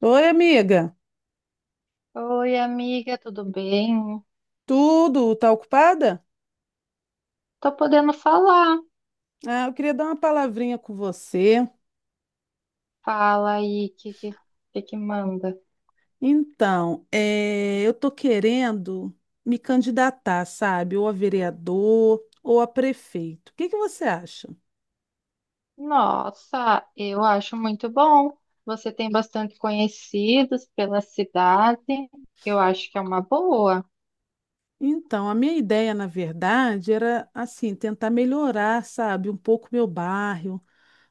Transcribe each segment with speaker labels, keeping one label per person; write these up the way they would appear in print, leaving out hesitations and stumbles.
Speaker 1: Oi, amiga.
Speaker 2: Oi, amiga, tudo bem?
Speaker 1: Tudo? Tá ocupada?
Speaker 2: Tô podendo falar.
Speaker 1: Ah, eu queria dar uma palavrinha com você.
Speaker 2: Fala aí, o que que manda?
Speaker 1: Então, eu tô querendo me candidatar, sabe? Ou a vereador ou a prefeito. O que que você acha?
Speaker 2: Nossa, eu acho muito bom. Você tem bastante conhecidos pela cidade. Eu acho que é uma boa.
Speaker 1: Então, a minha ideia, na verdade, era assim, tentar melhorar, sabe, um pouco meu bairro,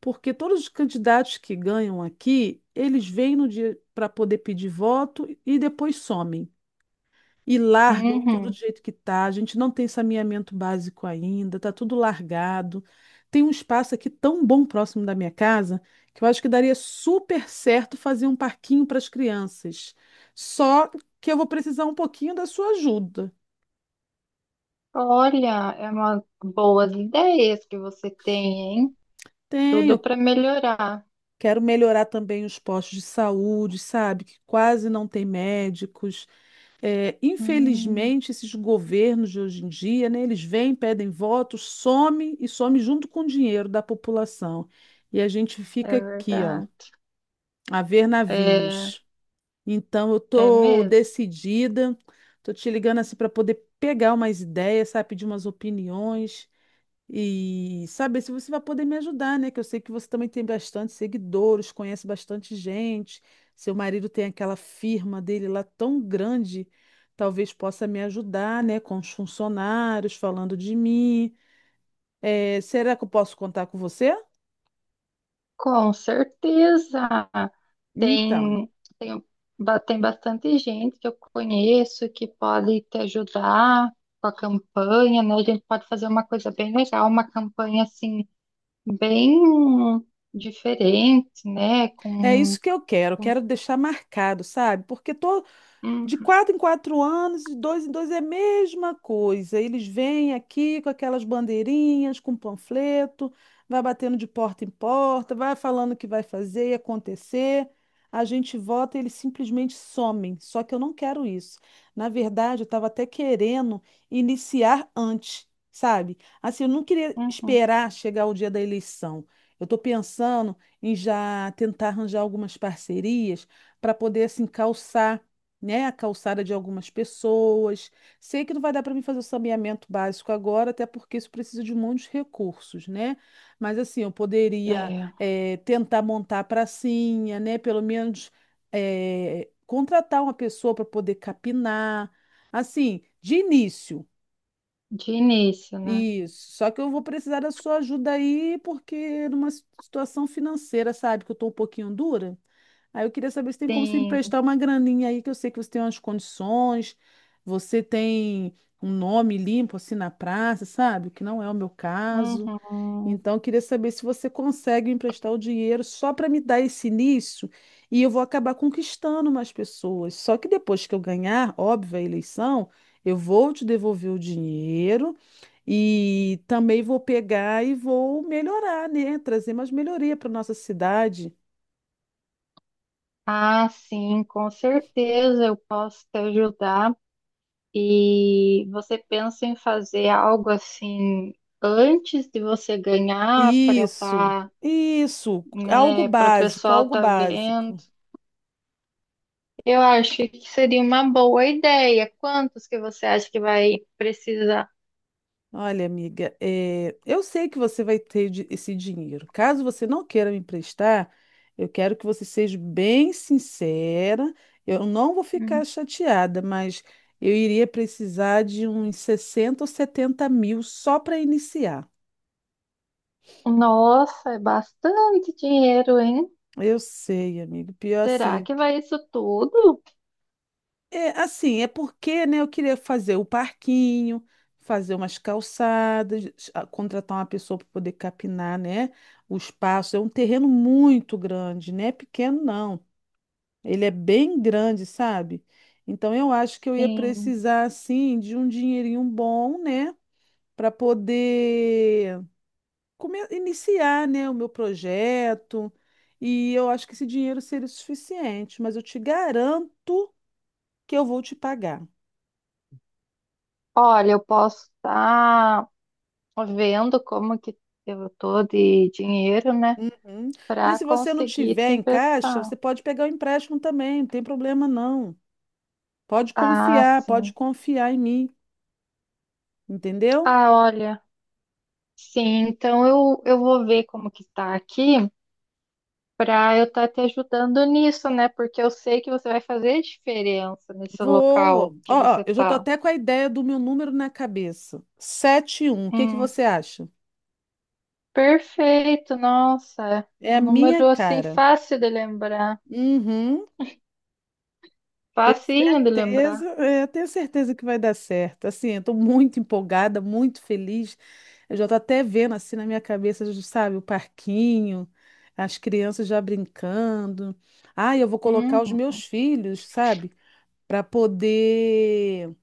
Speaker 1: porque todos os candidatos que ganham aqui, eles vêm no dia para poder pedir voto e depois somem. E largam tudo do
Speaker 2: Uhum.
Speaker 1: jeito que tá. A gente não tem saneamento básico ainda, tá tudo largado. Tem um espaço aqui tão bom próximo da minha casa que eu acho que daria super certo fazer um parquinho para as crianças. Só que eu vou precisar um pouquinho da sua ajuda.
Speaker 2: Olha, é uma boas ideias que você tem, hein? Tudo
Speaker 1: Tenho,
Speaker 2: para melhorar.
Speaker 1: quero melhorar também os postos de saúde, sabe? Que quase não tem médicos. É,
Speaker 2: Hum,
Speaker 1: infelizmente, esses governos de hoje em dia, né, eles vêm, pedem votos, some e some junto com o dinheiro da população. E a gente fica
Speaker 2: é
Speaker 1: aqui, ó,
Speaker 2: verdade.
Speaker 1: a ver
Speaker 2: É,
Speaker 1: navios. Então, eu
Speaker 2: é
Speaker 1: tô
Speaker 2: mesmo.
Speaker 1: decidida, tô te ligando assim para poder pegar umas ideias, sabe, pedir umas opiniões. E saber se você vai poder me ajudar, né? Que eu sei que você também tem bastante seguidores, conhece bastante gente. Seu marido tem aquela firma dele lá tão grande, talvez possa me ajudar, né? Com os funcionários, falando de mim. Será que eu posso contar com você?
Speaker 2: Com certeza.
Speaker 1: Então,
Speaker 2: Tem, tem, tem bastante gente que eu conheço que pode te ajudar com a campanha, né? A gente pode fazer uma coisa bem legal, uma campanha assim, bem diferente, né?
Speaker 1: é isso que eu quero.
Speaker 2: Com-
Speaker 1: Quero deixar marcado, sabe? Porque de
Speaker 2: Uhum,
Speaker 1: quatro em quatro anos, de dois em dois é a mesma coisa. Eles vêm aqui com aquelas bandeirinhas, com panfleto, vai batendo de porta em porta, vai falando o que vai fazer e acontecer. A gente vota e eles simplesmente somem. Só que eu não quero isso. Na verdade, eu estava até querendo iniciar antes, sabe? Assim, eu não queria
Speaker 2: uhum.
Speaker 1: esperar chegar o dia da eleição. Eu estou pensando em já tentar arranjar algumas parcerias para poder assim calçar, né, a calçada de algumas pessoas. Sei que não vai dar para mim fazer o saneamento básico agora, até porque isso precisa de muitos recursos, né? Mas assim, eu poderia
Speaker 2: É,
Speaker 1: tentar montar a pracinha, né? Pelo menos contratar uma pessoa para poder capinar, assim, de início.
Speaker 2: de início, né?
Speaker 1: Isso, só que eu vou precisar da sua ajuda aí, porque numa situação financeira, sabe, que eu estou um pouquinho dura. Aí eu queria saber se tem como você
Speaker 2: Sim.
Speaker 1: emprestar uma graninha aí, que eu sei que você tem umas condições, você tem um nome limpo assim na praça, sabe? O que não é o meu caso.
Speaker 2: Uhum.
Speaker 1: Então, eu queria saber se você consegue emprestar o dinheiro só para me dar esse início e eu vou acabar conquistando mais pessoas. Só que depois que eu ganhar, óbvio, a eleição, eu vou te devolver o dinheiro e também vou pegar e vou melhorar, né? Trazer mais melhoria para nossa cidade.
Speaker 2: Ah, sim, com certeza eu posso te ajudar. E você pensa em fazer algo assim antes de você ganhar para
Speaker 1: Isso,
Speaker 2: estar,
Speaker 1: isso, algo
Speaker 2: né, para o
Speaker 1: básico,
Speaker 2: pessoal
Speaker 1: algo
Speaker 2: tá vendo?
Speaker 1: básico.
Speaker 2: Eu acho que seria uma boa ideia. Quantos que você acha que vai precisar?
Speaker 1: Olha, amiga, eu sei que você vai ter esse dinheiro. Caso você não queira me emprestar, eu quero que você seja bem sincera. Eu não vou
Speaker 2: Hum.
Speaker 1: ficar chateada, mas eu iria precisar de uns 60 ou 70 mil só para iniciar.
Speaker 2: Nossa, é bastante dinheiro, hein?
Speaker 1: Eu sei, amigo. Pior
Speaker 2: Será
Speaker 1: assim,
Speaker 2: que vai isso tudo?
Speaker 1: é, assim, é porque, né, eu queria fazer o parquinho, fazer umas calçadas, contratar uma pessoa para poder capinar, né, o espaço. É um terreno muito grande, não é pequeno, não. Ele é bem grande, sabe? Então, eu acho que eu ia
Speaker 2: Sim.
Speaker 1: precisar, assim, de um dinheirinho bom, né, para poder iniciar, né, o meu projeto. E eu acho que esse dinheiro seria o suficiente, mas eu te garanto que eu vou te pagar.
Speaker 2: Olha, eu posso estar vendo como que eu tô de dinheiro, né,
Speaker 1: Uhum.
Speaker 2: para
Speaker 1: Mas se você não
Speaker 2: conseguir te
Speaker 1: tiver em caixa,
Speaker 2: emprestar.
Speaker 1: você pode pegar o empréstimo também, não tem problema não.
Speaker 2: Ah,
Speaker 1: Pode
Speaker 2: sim.
Speaker 1: confiar em mim, entendeu?
Speaker 2: Ah, olha. Sim, então eu vou ver como que está aqui para eu estar te ajudando nisso, né? Porque eu sei que você vai fazer diferença nesse
Speaker 1: Vou.
Speaker 2: local que
Speaker 1: Ó, ó,
Speaker 2: você
Speaker 1: eu já tô
Speaker 2: tá.
Speaker 1: até com a ideia do meu número na cabeça. 71. O que que
Speaker 2: Hum,
Speaker 1: você acha?
Speaker 2: perfeito, nossa. É
Speaker 1: É
Speaker 2: um
Speaker 1: a minha
Speaker 2: número assim
Speaker 1: cara.
Speaker 2: fácil de lembrar.
Speaker 1: Uhum. Tenho
Speaker 2: Facinho de
Speaker 1: certeza,
Speaker 2: lembrar.
Speaker 1: é, tenho certeza que vai dar certo. Assim, eu tô muito empolgada, muito feliz. Eu já tô até vendo assim na minha cabeça, já sabe, o parquinho, as crianças já brincando. Ah, eu vou colocar os
Speaker 2: Hum,
Speaker 1: meus filhos, sabe, para poder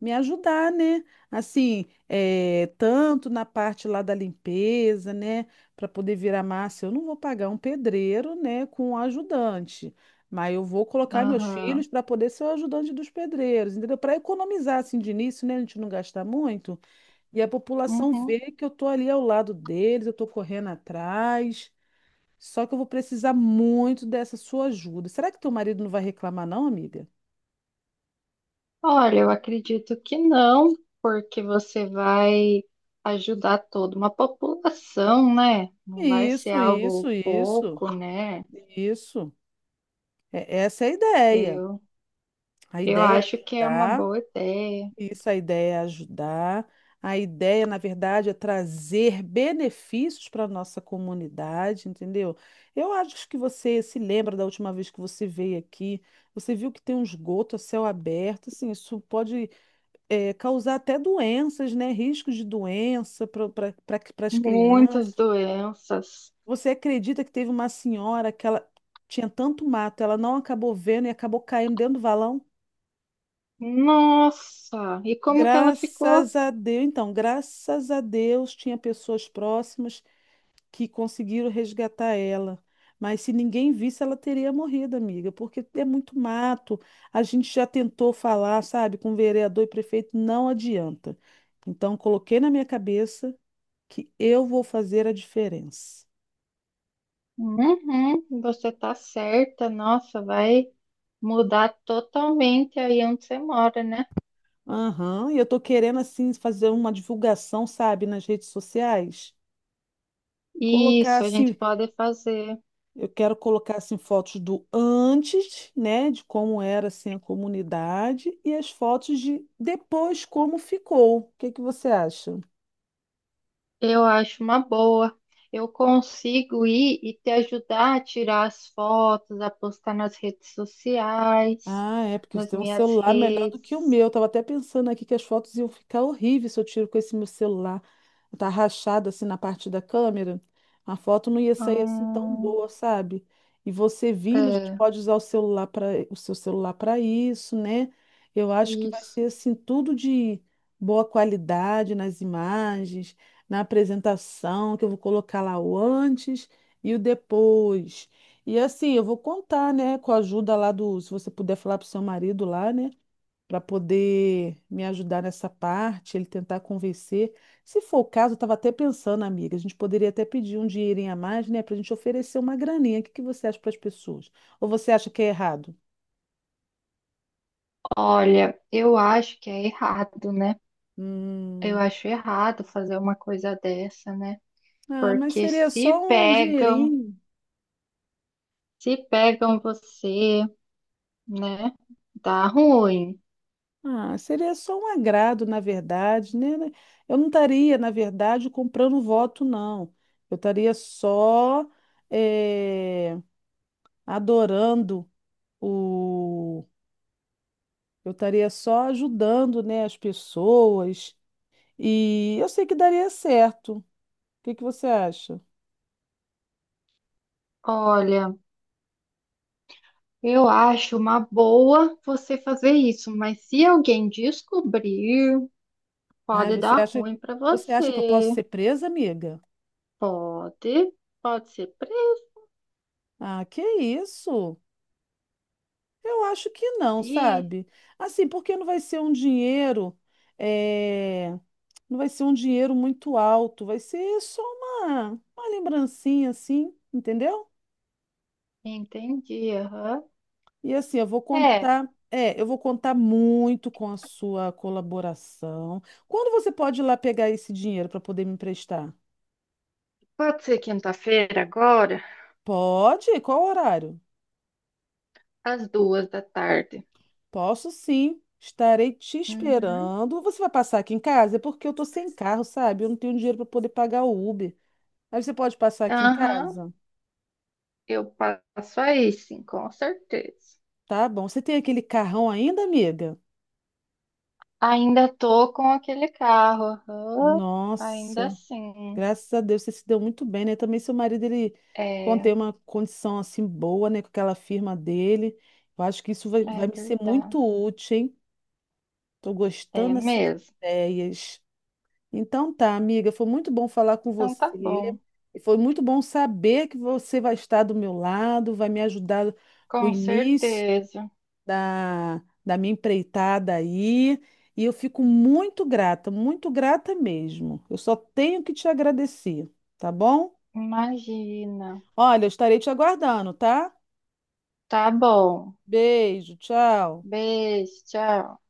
Speaker 1: me ajudar, né? Assim, tanto na parte lá da limpeza, né? Para poder virar massa, eu não vou pagar um pedreiro, né, com um ajudante, mas eu vou colocar meus filhos
Speaker 2: aham.
Speaker 1: para poder ser o ajudante dos pedreiros, entendeu? Para economizar assim de início, né? A gente não gastar muito e a população
Speaker 2: Uhum.
Speaker 1: vê que eu tô ali ao lado deles, eu tô correndo atrás. Só que eu vou precisar muito dessa sua ajuda. Será que teu marido não vai reclamar, não, amiga?
Speaker 2: Olha, eu acredito que não, porque você vai ajudar toda uma população, né? Não vai ser
Speaker 1: Isso, isso,
Speaker 2: algo
Speaker 1: isso,
Speaker 2: pouco, né?
Speaker 1: isso. Essa é a ideia.
Speaker 2: Eu,
Speaker 1: A
Speaker 2: eu
Speaker 1: ideia é
Speaker 2: acho que é uma
Speaker 1: ajudar,
Speaker 2: boa ideia.
Speaker 1: isso, a ideia é ajudar. A ideia, na verdade, é trazer benefícios para a nossa comunidade, entendeu? Eu acho que você se lembra da última vez que você veio aqui, você viu que tem um esgoto a céu aberto, assim, isso pode causar até doenças, né? Riscos de doença para as
Speaker 2: Muitas
Speaker 1: crianças.
Speaker 2: doenças.
Speaker 1: Você acredita que teve uma senhora que ela tinha tanto mato, ela não acabou vendo e acabou caindo dentro do valão?
Speaker 2: Nossa, e como que ela ficou?
Speaker 1: Graças a Deus, então, graças a Deus tinha pessoas próximas que conseguiram resgatar ela. Mas se ninguém visse, ela teria morrido, amiga, porque é muito mato. A gente já tentou falar, sabe, com vereador e prefeito, não adianta. Então, coloquei na minha cabeça que eu vou fazer a diferença.
Speaker 2: Uhum, você tá certa, nossa, vai mudar totalmente aí onde você mora, né?
Speaker 1: Aham, e eu tô querendo, assim, fazer uma divulgação, sabe, nas redes sociais. Colocar,
Speaker 2: Isso, a gente
Speaker 1: assim,
Speaker 2: pode fazer.
Speaker 1: eu quero colocar assim fotos do antes, né, de como era assim a comunidade e as fotos de depois como ficou. O que que você acha?
Speaker 2: Eu acho uma boa. Eu consigo ir e te ajudar a tirar as fotos, a postar nas redes sociais,
Speaker 1: Ah, é, porque você
Speaker 2: nas
Speaker 1: tem um
Speaker 2: minhas
Speaker 1: celular melhor do que o
Speaker 2: redes.
Speaker 1: meu. Eu tava até pensando aqui que as fotos iam ficar horríveis se eu tiro com esse meu celular. Tá rachado assim na parte da câmera. A foto não ia sair assim tão
Speaker 2: Hum,
Speaker 1: boa, sabe? E você vindo, a gente
Speaker 2: é,
Speaker 1: pode usar o seu celular para isso, né? Eu acho que vai
Speaker 2: isso.
Speaker 1: ser assim tudo de boa qualidade nas imagens, na apresentação, que eu vou colocar lá o antes e o depois. E assim, eu vou contar, né, com a ajuda lá do, se você puder falar pro seu marido lá, né, para poder me ajudar nessa parte, ele tentar convencer. Se for o caso, eu estava até pensando, amiga, a gente poderia até pedir um dinheirinho a mais, né, para a gente oferecer uma graninha. O que que você acha para as pessoas? Ou você acha que é errado?
Speaker 2: Olha, eu acho que é errado, né? Eu
Speaker 1: Hum,
Speaker 2: acho errado fazer uma coisa dessa, né?
Speaker 1: ah, mas
Speaker 2: Porque
Speaker 1: seria
Speaker 2: se
Speaker 1: só um
Speaker 2: pegam,
Speaker 1: dinheirinho.
Speaker 2: se pegam você, né? Dá ruim.
Speaker 1: Ah, seria só um agrado, na verdade, né? Eu não estaria, na verdade, comprando voto, não. Eu estaria só eh, adorando o. Eu estaria só ajudando, né, as pessoas. E eu sei que daria certo. O que que você acha?
Speaker 2: Olha. Eu acho uma boa você fazer isso, mas se alguém descobrir,
Speaker 1: Ai,
Speaker 2: pode dar ruim para
Speaker 1: você acha que eu posso
Speaker 2: você.
Speaker 1: ser presa, amiga?
Speaker 2: Pode, pode ser preso.
Speaker 1: Ah, que isso? Eu acho que não,
Speaker 2: Ih.
Speaker 1: sabe? Assim, porque não vai ser um dinheiro, eh, não vai ser um dinheiro muito alto, vai ser só uma lembrancinha, assim, entendeu?
Speaker 2: Entendi, aham.
Speaker 1: E assim, eu vou
Speaker 2: É,
Speaker 1: contar, é, eu vou contar muito com a sua colaboração. Quando você pode ir lá pegar esse dinheiro para poder me emprestar?
Speaker 2: pode ser quinta-feira agora,
Speaker 1: Pode? Qual horário?
Speaker 2: às duas da tarde.
Speaker 1: Posso sim. Estarei te
Speaker 2: Uhum.
Speaker 1: esperando. Você vai passar aqui em casa? É porque eu tô sem carro, sabe? Eu não tenho dinheiro para poder pagar o Uber. Aí você pode passar aqui em
Speaker 2: Aham,
Speaker 1: casa?
Speaker 2: eu passo aí, sim, com certeza.
Speaker 1: Tá bom. Você tem aquele carrão ainda, amiga?
Speaker 2: Ainda tô com aquele carro, aham. Ainda
Speaker 1: Nossa,
Speaker 2: assim.
Speaker 1: graças a Deus você se deu muito bem, né? Também seu marido, ele
Speaker 2: É,
Speaker 1: contém uma condição assim boa, né? Com aquela firma dele. Eu acho que isso vai,
Speaker 2: é
Speaker 1: vai me ser
Speaker 2: verdade.
Speaker 1: muito útil, hein? Tô
Speaker 2: É
Speaker 1: gostando assim das
Speaker 2: mesmo.
Speaker 1: ideias. Então tá, amiga, foi muito bom falar com
Speaker 2: Então tá
Speaker 1: você.
Speaker 2: bom.
Speaker 1: E foi muito bom saber que você vai estar do meu lado, vai me ajudar com o
Speaker 2: Com
Speaker 1: início
Speaker 2: certeza.
Speaker 1: da minha empreitada aí. E eu fico muito grata mesmo. Eu só tenho que te agradecer, tá bom?
Speaker 2: Imagina.
Speaker 1: Olha, eu estarei te aguardando, tá?
Speaker 2: Tá bom.
Speaker 1: Beijo, tchau.
Speaker 2: Beijo, tchau.